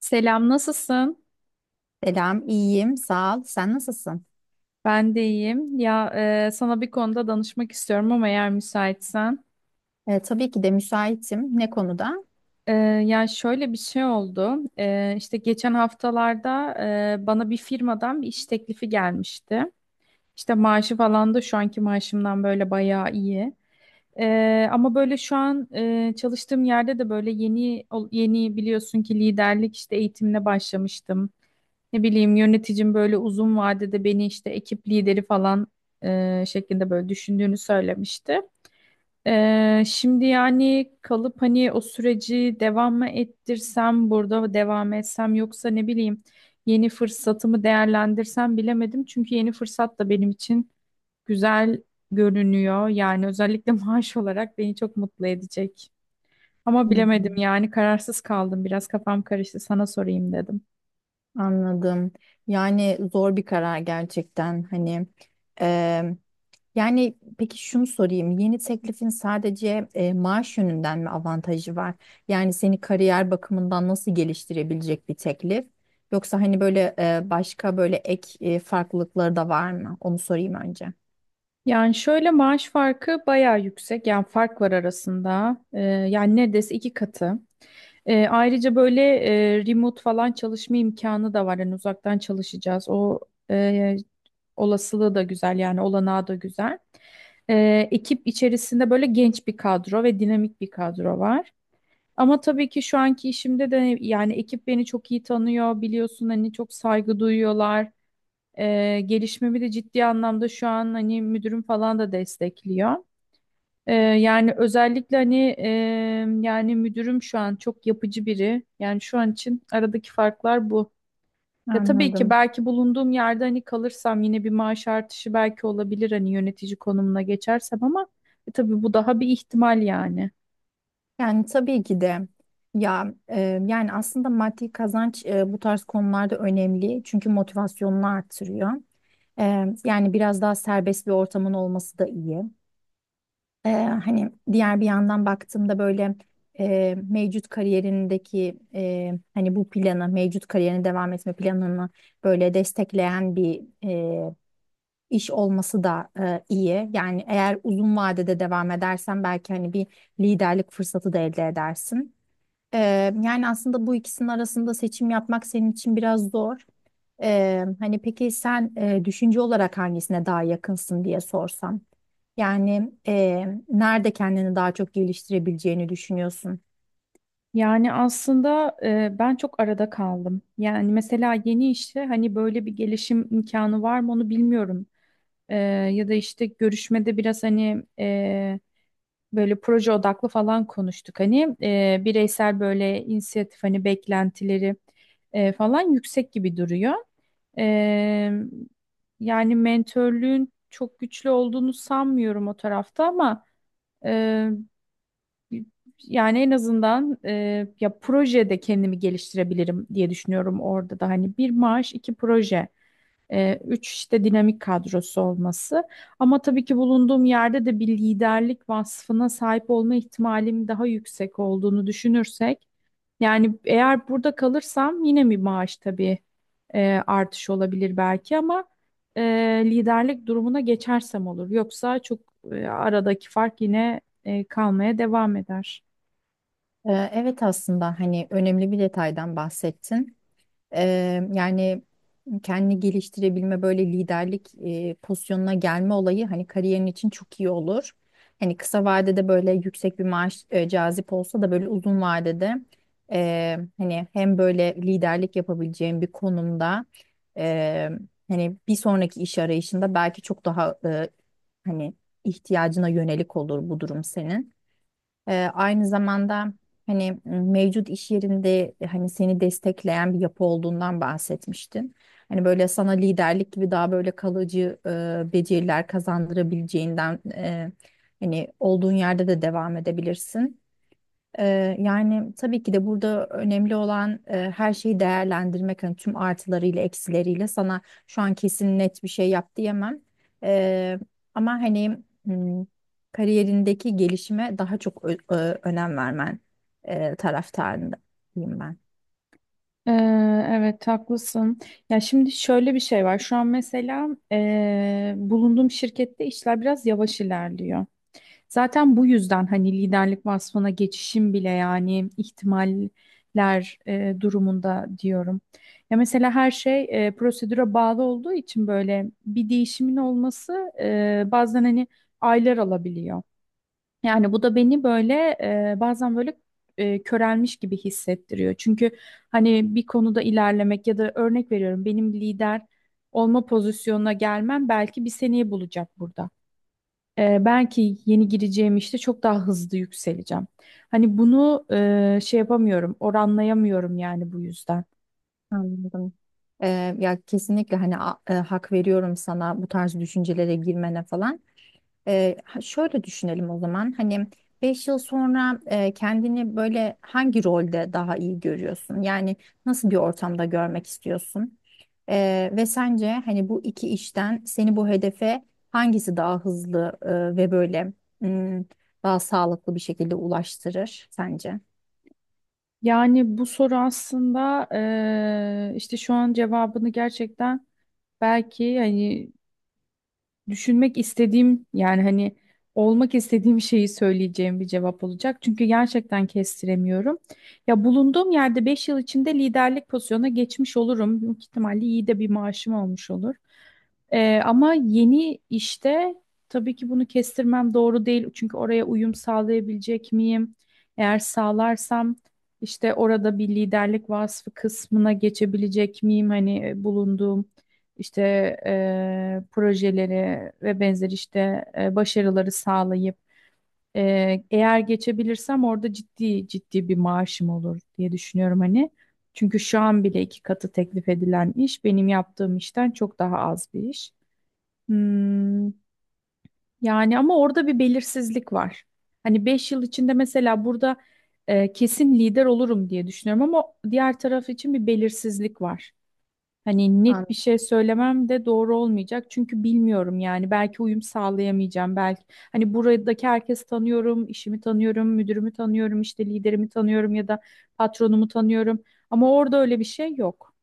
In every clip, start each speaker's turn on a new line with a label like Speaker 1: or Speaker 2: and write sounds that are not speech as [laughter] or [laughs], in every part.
Speaker 1: Selam, nasılsın?
Speaker 2: Selam, iyiyim, sağ ol. Sen nasılsın?
Speaker 1: Ben de iyiyim. Ya sana bir konuda danışmak istiyorum, ama eğer müsaitsen.
Speaker 2: Tabii ki de müsaitim. Ne konuda?
Speaker 1: E, Ya şöyle bir şey oldu. İşte geçen haftalarda bana bir firmadan bir iş teklifi gelmişti. İşte maaşı falan da şu anki maaşımdan böyle bayağı iyi. Ama böyle şu an çalıştığım yerde de böyle yeni, biliyorsun ki, liderlik işte eğitimine başlamıştım. Ne bileyim, yöneticim böyle uzun vadede beni işte ekip lideri falan şeklinde böyle düşündüğünü söylemişti. Şimdi yani kalıp hani o süreci devam mı ettirsem, burada mı devam etsem, yoksa ne bileyim yeni fırsatımı değerlendirsem bilemedim. Çünkü yeni fırsat da benim için güzel görünüyor. Yani özellikle [laughs] maaş olarak beni çok mutlu edecek. Ama bilemedim,
Speaker 2: Hmm,
Speaker 1: yani kararsız kaldım, biraz kafam karıştı, sana sorayım dedim.
Speaker 2: anladım. Yani zor bir karar gerçekten. Hani e, yani peki şunu sorayım. Yeni teklifin sadece maaş yönünden mi avantajı var? Yani seni kariyer bakımından nasıl geliştirebilecek bir teklif? Yoksa hani böyle başka böyle ek farklılıkları da var mı? Onu sorayım önce.
Speaker 1: Yani şöyle, maaş farkı bayağı yüksek. Yani fark var arasında. Yani neredeyse iki katı. Ayrıca böyle remote falan çalışma imkanı da var. Yani uzaktan çalışacağız. O e, olasılığı da güzel, yani olanağı da güzel. Ekip içerisinde böyle genç bir kadro ve dinamik bir kadro var. Ama tabii ki şu anki işimde de yani ekip beni çok iyi tanıyor, biliyorsun, hani çok saygı duyuyorlar. Gelişmemi de ciddi anlamda şu an hani müdürüm falan da destekliyor. Yani özellikle, hani, yani müdürüm şu an çok yapıcı biri. Yani şu an için aradaki farklar bu. Ya tabii ki
Speaker 2: Anladım.
Speaker 1: belki bulunduğum yerde, hani kalırsam, yine bir maaş artışı belki olabilir, hani yönetici konumuna geçersem, ama tabii bu daha bir ihtimal yani.
Speaker 2: Yani tabii ki de ya yani aslında maddi kazanç bu tarz konularda önemli çünkü motivasyonunu artırıyor. Yani biraz daha serbest bir ortamın olması da iyi. Hani diğer bir yandan baktığımda böyle mevcut kariyerindeki hani bu planı mevcut kariyerine devam etme planını böyle destekleyen bir iş olması da iyi. Yani eğer uzun vadede devam edersen belki hani bir liderlik fırsatı da elde edersin. Ee, yani aslında bu ikisinin arasında seçim yapmak senin için biraz zor. Hani peki sen düşünce olarak hangisine daha yakınsın diye sorsam. Yani nerede kendini daha çok geliştirebileceğini düşünüyorsun?
Speaker 1: Yani aslında ben çok arada kaldım. Yani mesela yeni işte hani böyle bir gelişim imkanı var mı, onu bilmiyorum. Ee, Ya da işte görüşmede biraz hani böyle proje odaklı falan konuştuk. Hani bireysel böyle inisiyatif, hani beklentileri falan yüksek gibi duruyor. Ee, Yani mentörlüğün çok güçlü olduğunu sanmıyorum o tarafta, ama e, yani en azından, ya projede kendimi geliştirebilirim diye düşünüyorum, orada da hani bir maaş, iki proje. Üç, işte dinamik kadrosu olması. Ama tabii ki bulunduğum yerde de bir liderlik vasfına sahip olma ihtimalim daha yüksek olduğunu düşünürsek, yani eğer burada kalırsam yine bir maaş, tabii, artış olabilir belki, ama e, liderlik durumuna geçersem olur. Yoksa çok, aradaki fark yine kalmaya devam eder.
Speaker 2: Evet aslında hani önemli bir detaydan bahsettin. Yani kendini geliştirebilme böyle liderlik pozisyonuna gelme olayı hani kariyerin için çok iyi olur. Hani kısa vadede böyle yüksek bir maaş cazip olsa da böyle uzun vadede hani hem böyle liderlik yapabileceğin bir konumda eee, hani bir sonraki iş arayışında belki çok daha hani ihtiyacına yönelik olur bu durum senin. Aynı zamanda hani mevcut iş yerinde hani seni destekleyen bir yapı olduğundan bahsetmiştin. Hani böyle sana liderlik gibi daha böyle kalıcı beceriler kazandırabileceğinden hani olduğun yerde de devam edebilirsin. Yani tabii ki de burada önemli olan her şeyi değerlendirmek. Hani tüm artılarıyla eksileriyle sana şu an kesin net bir şey yap diyemem. Ee, ama hani kariyerindeki gelişime daha çok önem vermen taraftarındayım ben.
Speaker 1: Ee, evet, haklısın. Ya şimdi şöyle bir şey var. Şu an mesela, bulunduğum şirkette işler biraz yavaş ilerliyor. Zaten bu yüzden hani liderlik vasfına geçişim bile yani ihtimaller durumunda diyorum. Ya mesela her şey prosedüre bağlı olduğu için böyle bir değişimin olması bazen, hani, aylar alabiliyor. Yani bu da beni böyle bazen böyle körelmiş gibi hissettiriyor. Çünkü hani bir konuda ilerlemek ya da, örnek veriyorum, benim lider olma pozisyonuna gelmem belki bir seneyi bulacak burada. Belki yeni gireceğim işte çok daha hızlı yükseleceğim. Hani bunu şey yapamıyorum, oranlayamıyorum yani, bu yüzden.
Speaker 2: Anladım. Ya kesinlikle hani hak veriyorum sana bu tarz düşüncelere girmene falan. Şöyle düşünelim o zaman. Hani 5 yıl sonra kendini böyle hangi rolde daha iyi görüyorsun? Yani nasıl bir ortamda görmek istiyorsun? Ve sence hani bu iki işten seni bu hedefe hangisi daha hızlı ve böyle mm, daha sağlıklı bir şekilde ulaştırır sence?
Speaker 1: Yani bu soru aslında işte şu an cevabını, gerçekten belki hani düşünmek istediğim, yani hani olmak istediğim şeyi söyleyeceğim bir cevap olacak. Çünkü gerçekten kestiremiyorum. Ya bulunduğum yerde 5 yıl içinde liderlik pozisyonuna geçmiş olurum. Büyük ihtimalle iyi de bir maaşım olmuş olur. Ama yeni işte tabii ki bunu kestirmem doğru değil. Çünkü oraya uyum sağlayabilecek miyim? Eğer sağlarsam işte orada bir liderlik vasfı kısmına geçebilecek miyim? Hani, bulunduğum işte projeleri ve benzer işte başarıları sağlayıp eğer geçebilirsem, orada ciddi ciddi bir maaşım olur diye düşünüyorum hani. Çünkü şu an bile iki katı teklif edilen iş benim yaptığım işten çok daha az bir iş. Hmm, Yani ama orada bir belirsizlik var. Hani 5 yıl içinde mesela burada kesin lider olurum diye düşünüyorum, ama diğer taraf için bir belirsizlik var. Hani net bir şey söylemem de doğru olmayacak, çünkü bilmiyorum yani. Belki uyum sağlayamayacağım, belki, hani, buradaki herkesi tanıyorum, işimi tanıyorum, müdürümü tanıyorum, işte liderimi tanıyorum ya da patronumu tanıyorum, ama orada öyle bir şey yok.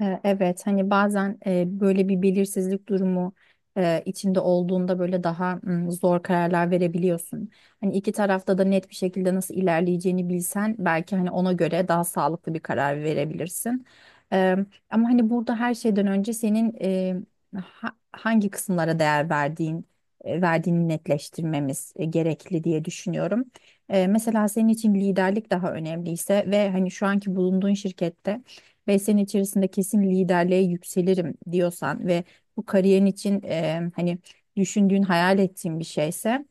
Speaker 2: Evet hani bazen böyle bir belirsizlik durumu içinde olduğunda böyle daha zor kararlar verebiliyorsun. Hani iki tarafta da net bir şekilde nasıl ilerleyeceğini bilsen belki hani ona göre daha sağlıklı bir karar verebilirsin. E, Ama hani burada her şeyden önce senin hangi kısımlara değer verdiğini netleştirmemiz gerekli diye düşünüyorum. Mesela senin için liderlik daha önemliyse ve hani şu anki bulunduğun şirkette 5 sene içerisinde kesin liderliğe yükselirim diyorsan ve bu kariyerin için hani düşündüğün, hayal ettiğin bir şeyse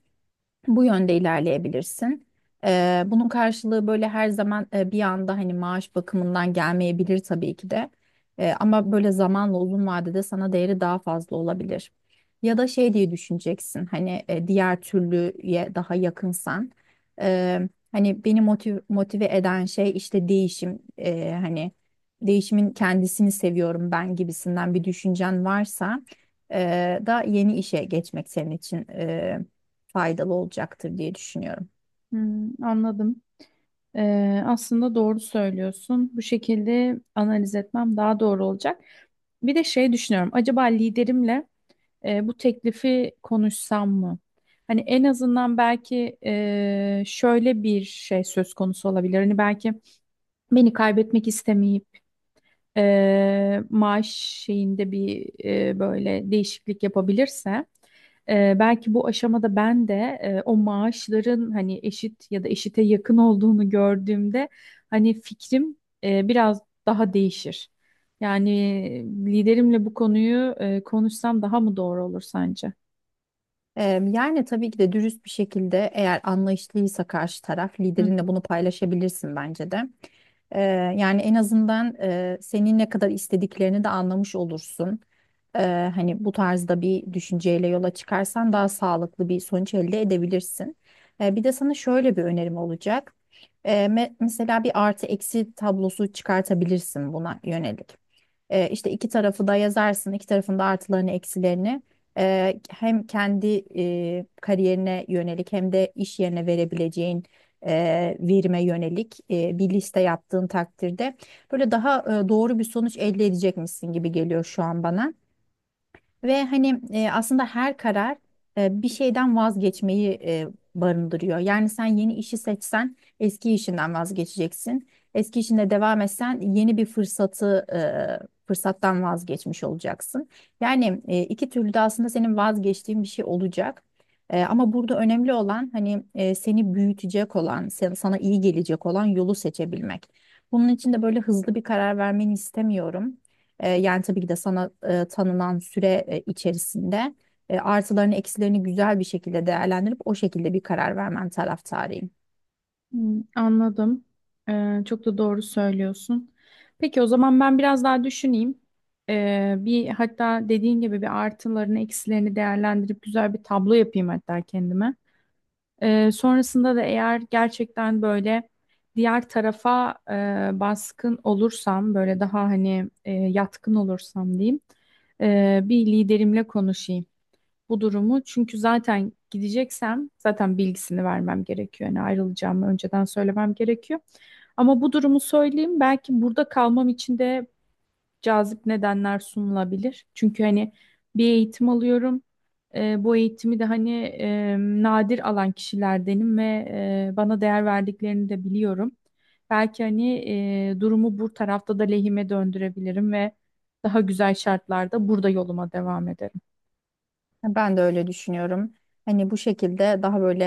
Speaker 2: bu yönde ilerleyebilirsin. Bunun karşılığı böyle her zaman bir anda hani maaş bakımından gelmeyebilir tabii ki de. Ama böyle zamanla uzun vadede sana değeri daha fazla olabilir. Ya da şey diye düşüneceksin hani diğer türlüye daha yakınsan. e, hani beni motive eden şey işte değişim. Hani değişimin kendisini seviyorum ben gibisinden bir düşüncen varsa da yeni işe geçmek senin için faydalı olacaktır diye düşünüyorum.
Speaker 1: Hmm, anladım. Aslında doğru söylüyorsun. Bu şekilde analiz etmem daha doğru olacak. Bir de şey düşünüyorum, acaba liderimle bu teklifi konuşsam mı? Hani en azından belki şöyle bir şey söz konusu olabilir. Hani belki beni kaybetmek istemeyip maaş şeyinde bir, böyle değişiklik yapabilirse, belki bu aşamada ben de o maaşların hani eşit ya da eşite yakın olduğunu gördüğümde, hani fikrim biraz daha değişir. Yani liderimle bu konuyu konuşsam daha mı doğru olur sence?
Speaker 2: Yani tabii ki de dürüst bir şekilde eğer anlayışlıysa karşı taraf
Speaker 1: Hı hı.
Speaker 2: liderinle bunu paylaşabilirsin bence de. Eee, yani en azından senin ne kadar istediklerini de anlamış olursun. Hani bu tarzda bir düşünceyle yola çıkarsan daha sağlıklı bir sonuç elde edebilirsin. Bir de sana şöyle bir önerim olacak. Mesela bir artı eksi tablosu çıkartabilirsin buna yönelik. E, işte iki tarafı da yazarsın. İki tarafın da artılarını, eksilerini. Hem kendi kariyerine yönelik hem de iş yerine verebileceğin verime yönelik bir liste yaptığın takdirde böyle daha doğru bir sonuç elde edecekmişsin gibi geliyor şu an bana. Ve hani aslında her karar bir şeyden vazgeçmeyi barındırıyor. Yani sen yeni işi seçsen eski işinden vazgeçeceksin. Eski işinde devam etsen yeni bir fırsattan vazgeçmiş olacaksın. Yani iki türlü de aslında senin vazgeçtiğin bir şey olacak. Ama burada önemli olan hani seni büyütecek olan, sana iyi gelecek olan yolu seçebilmek. Bunun için de böyle hızlı bir karar vermeni istemiyorum. Yani tabii ki de sana tanınan süre içerisinde artılarını eksilerini güzel bir şekilde değerlendirip o şekilde bir karar vermen taraftarıyım.
Speaker 1: Hı, anladım. Çok da doğru söylüyorsun. Peki o zaman ben biraz daha düşüneyim. Bir, hatta dediğin gibi, bir artılarını eksilerini değerlendirip güzel bir tablo yapayım hatta kendime. Sonrasında da eğer gerçekten böyle diğer tarafa baskın olursam, böyle daha hani yatkın olursam diyeyim, bir liderimle konuşayım bu durumu. Çünkü zaten gideceksem zaten bilgisini vermem gerekiyor. Yani ayrılacağımı önceden söylemem gerekiyor. Ama bu durumu söyleyeyim, belki burada kalmam için de cazip nedenler sunulabilir. Çünkü hani bir eğitim alıyorum. Bu eğitimi de hani nadir alan kişilerdenim ve bana değer verdiklerini de biliyorum. Belki hani durumu bu tarafta da lehime döndürebilirim ve daha güzel şartlarda burada yoluma devam ederim.
Speaker 2: Ben de öyle düşünüyorum. Hani bu şekilde daha böyle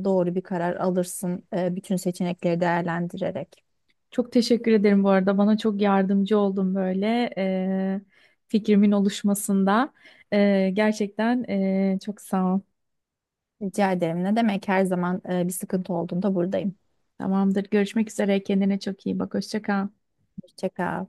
Speaker 2: doğru bir karar alırsın bütün seçenekleri değerlendirerek.
Speaker 1: Çok teşekkür ederim bu arada. Bana çok yardımcı oldun böyle, fikrimin oluşmasında. Gerçekten, çok sağ ol.
Speaker 2: Rica ederim. Ne demek her zaman bir sıkıntı olduğunda buradayım.
Speaker 1: Tamamdır. Görüşmek üzere. Kendine çok iyi bak. Hoşça kal.
Speaker 2: Hoşça kal.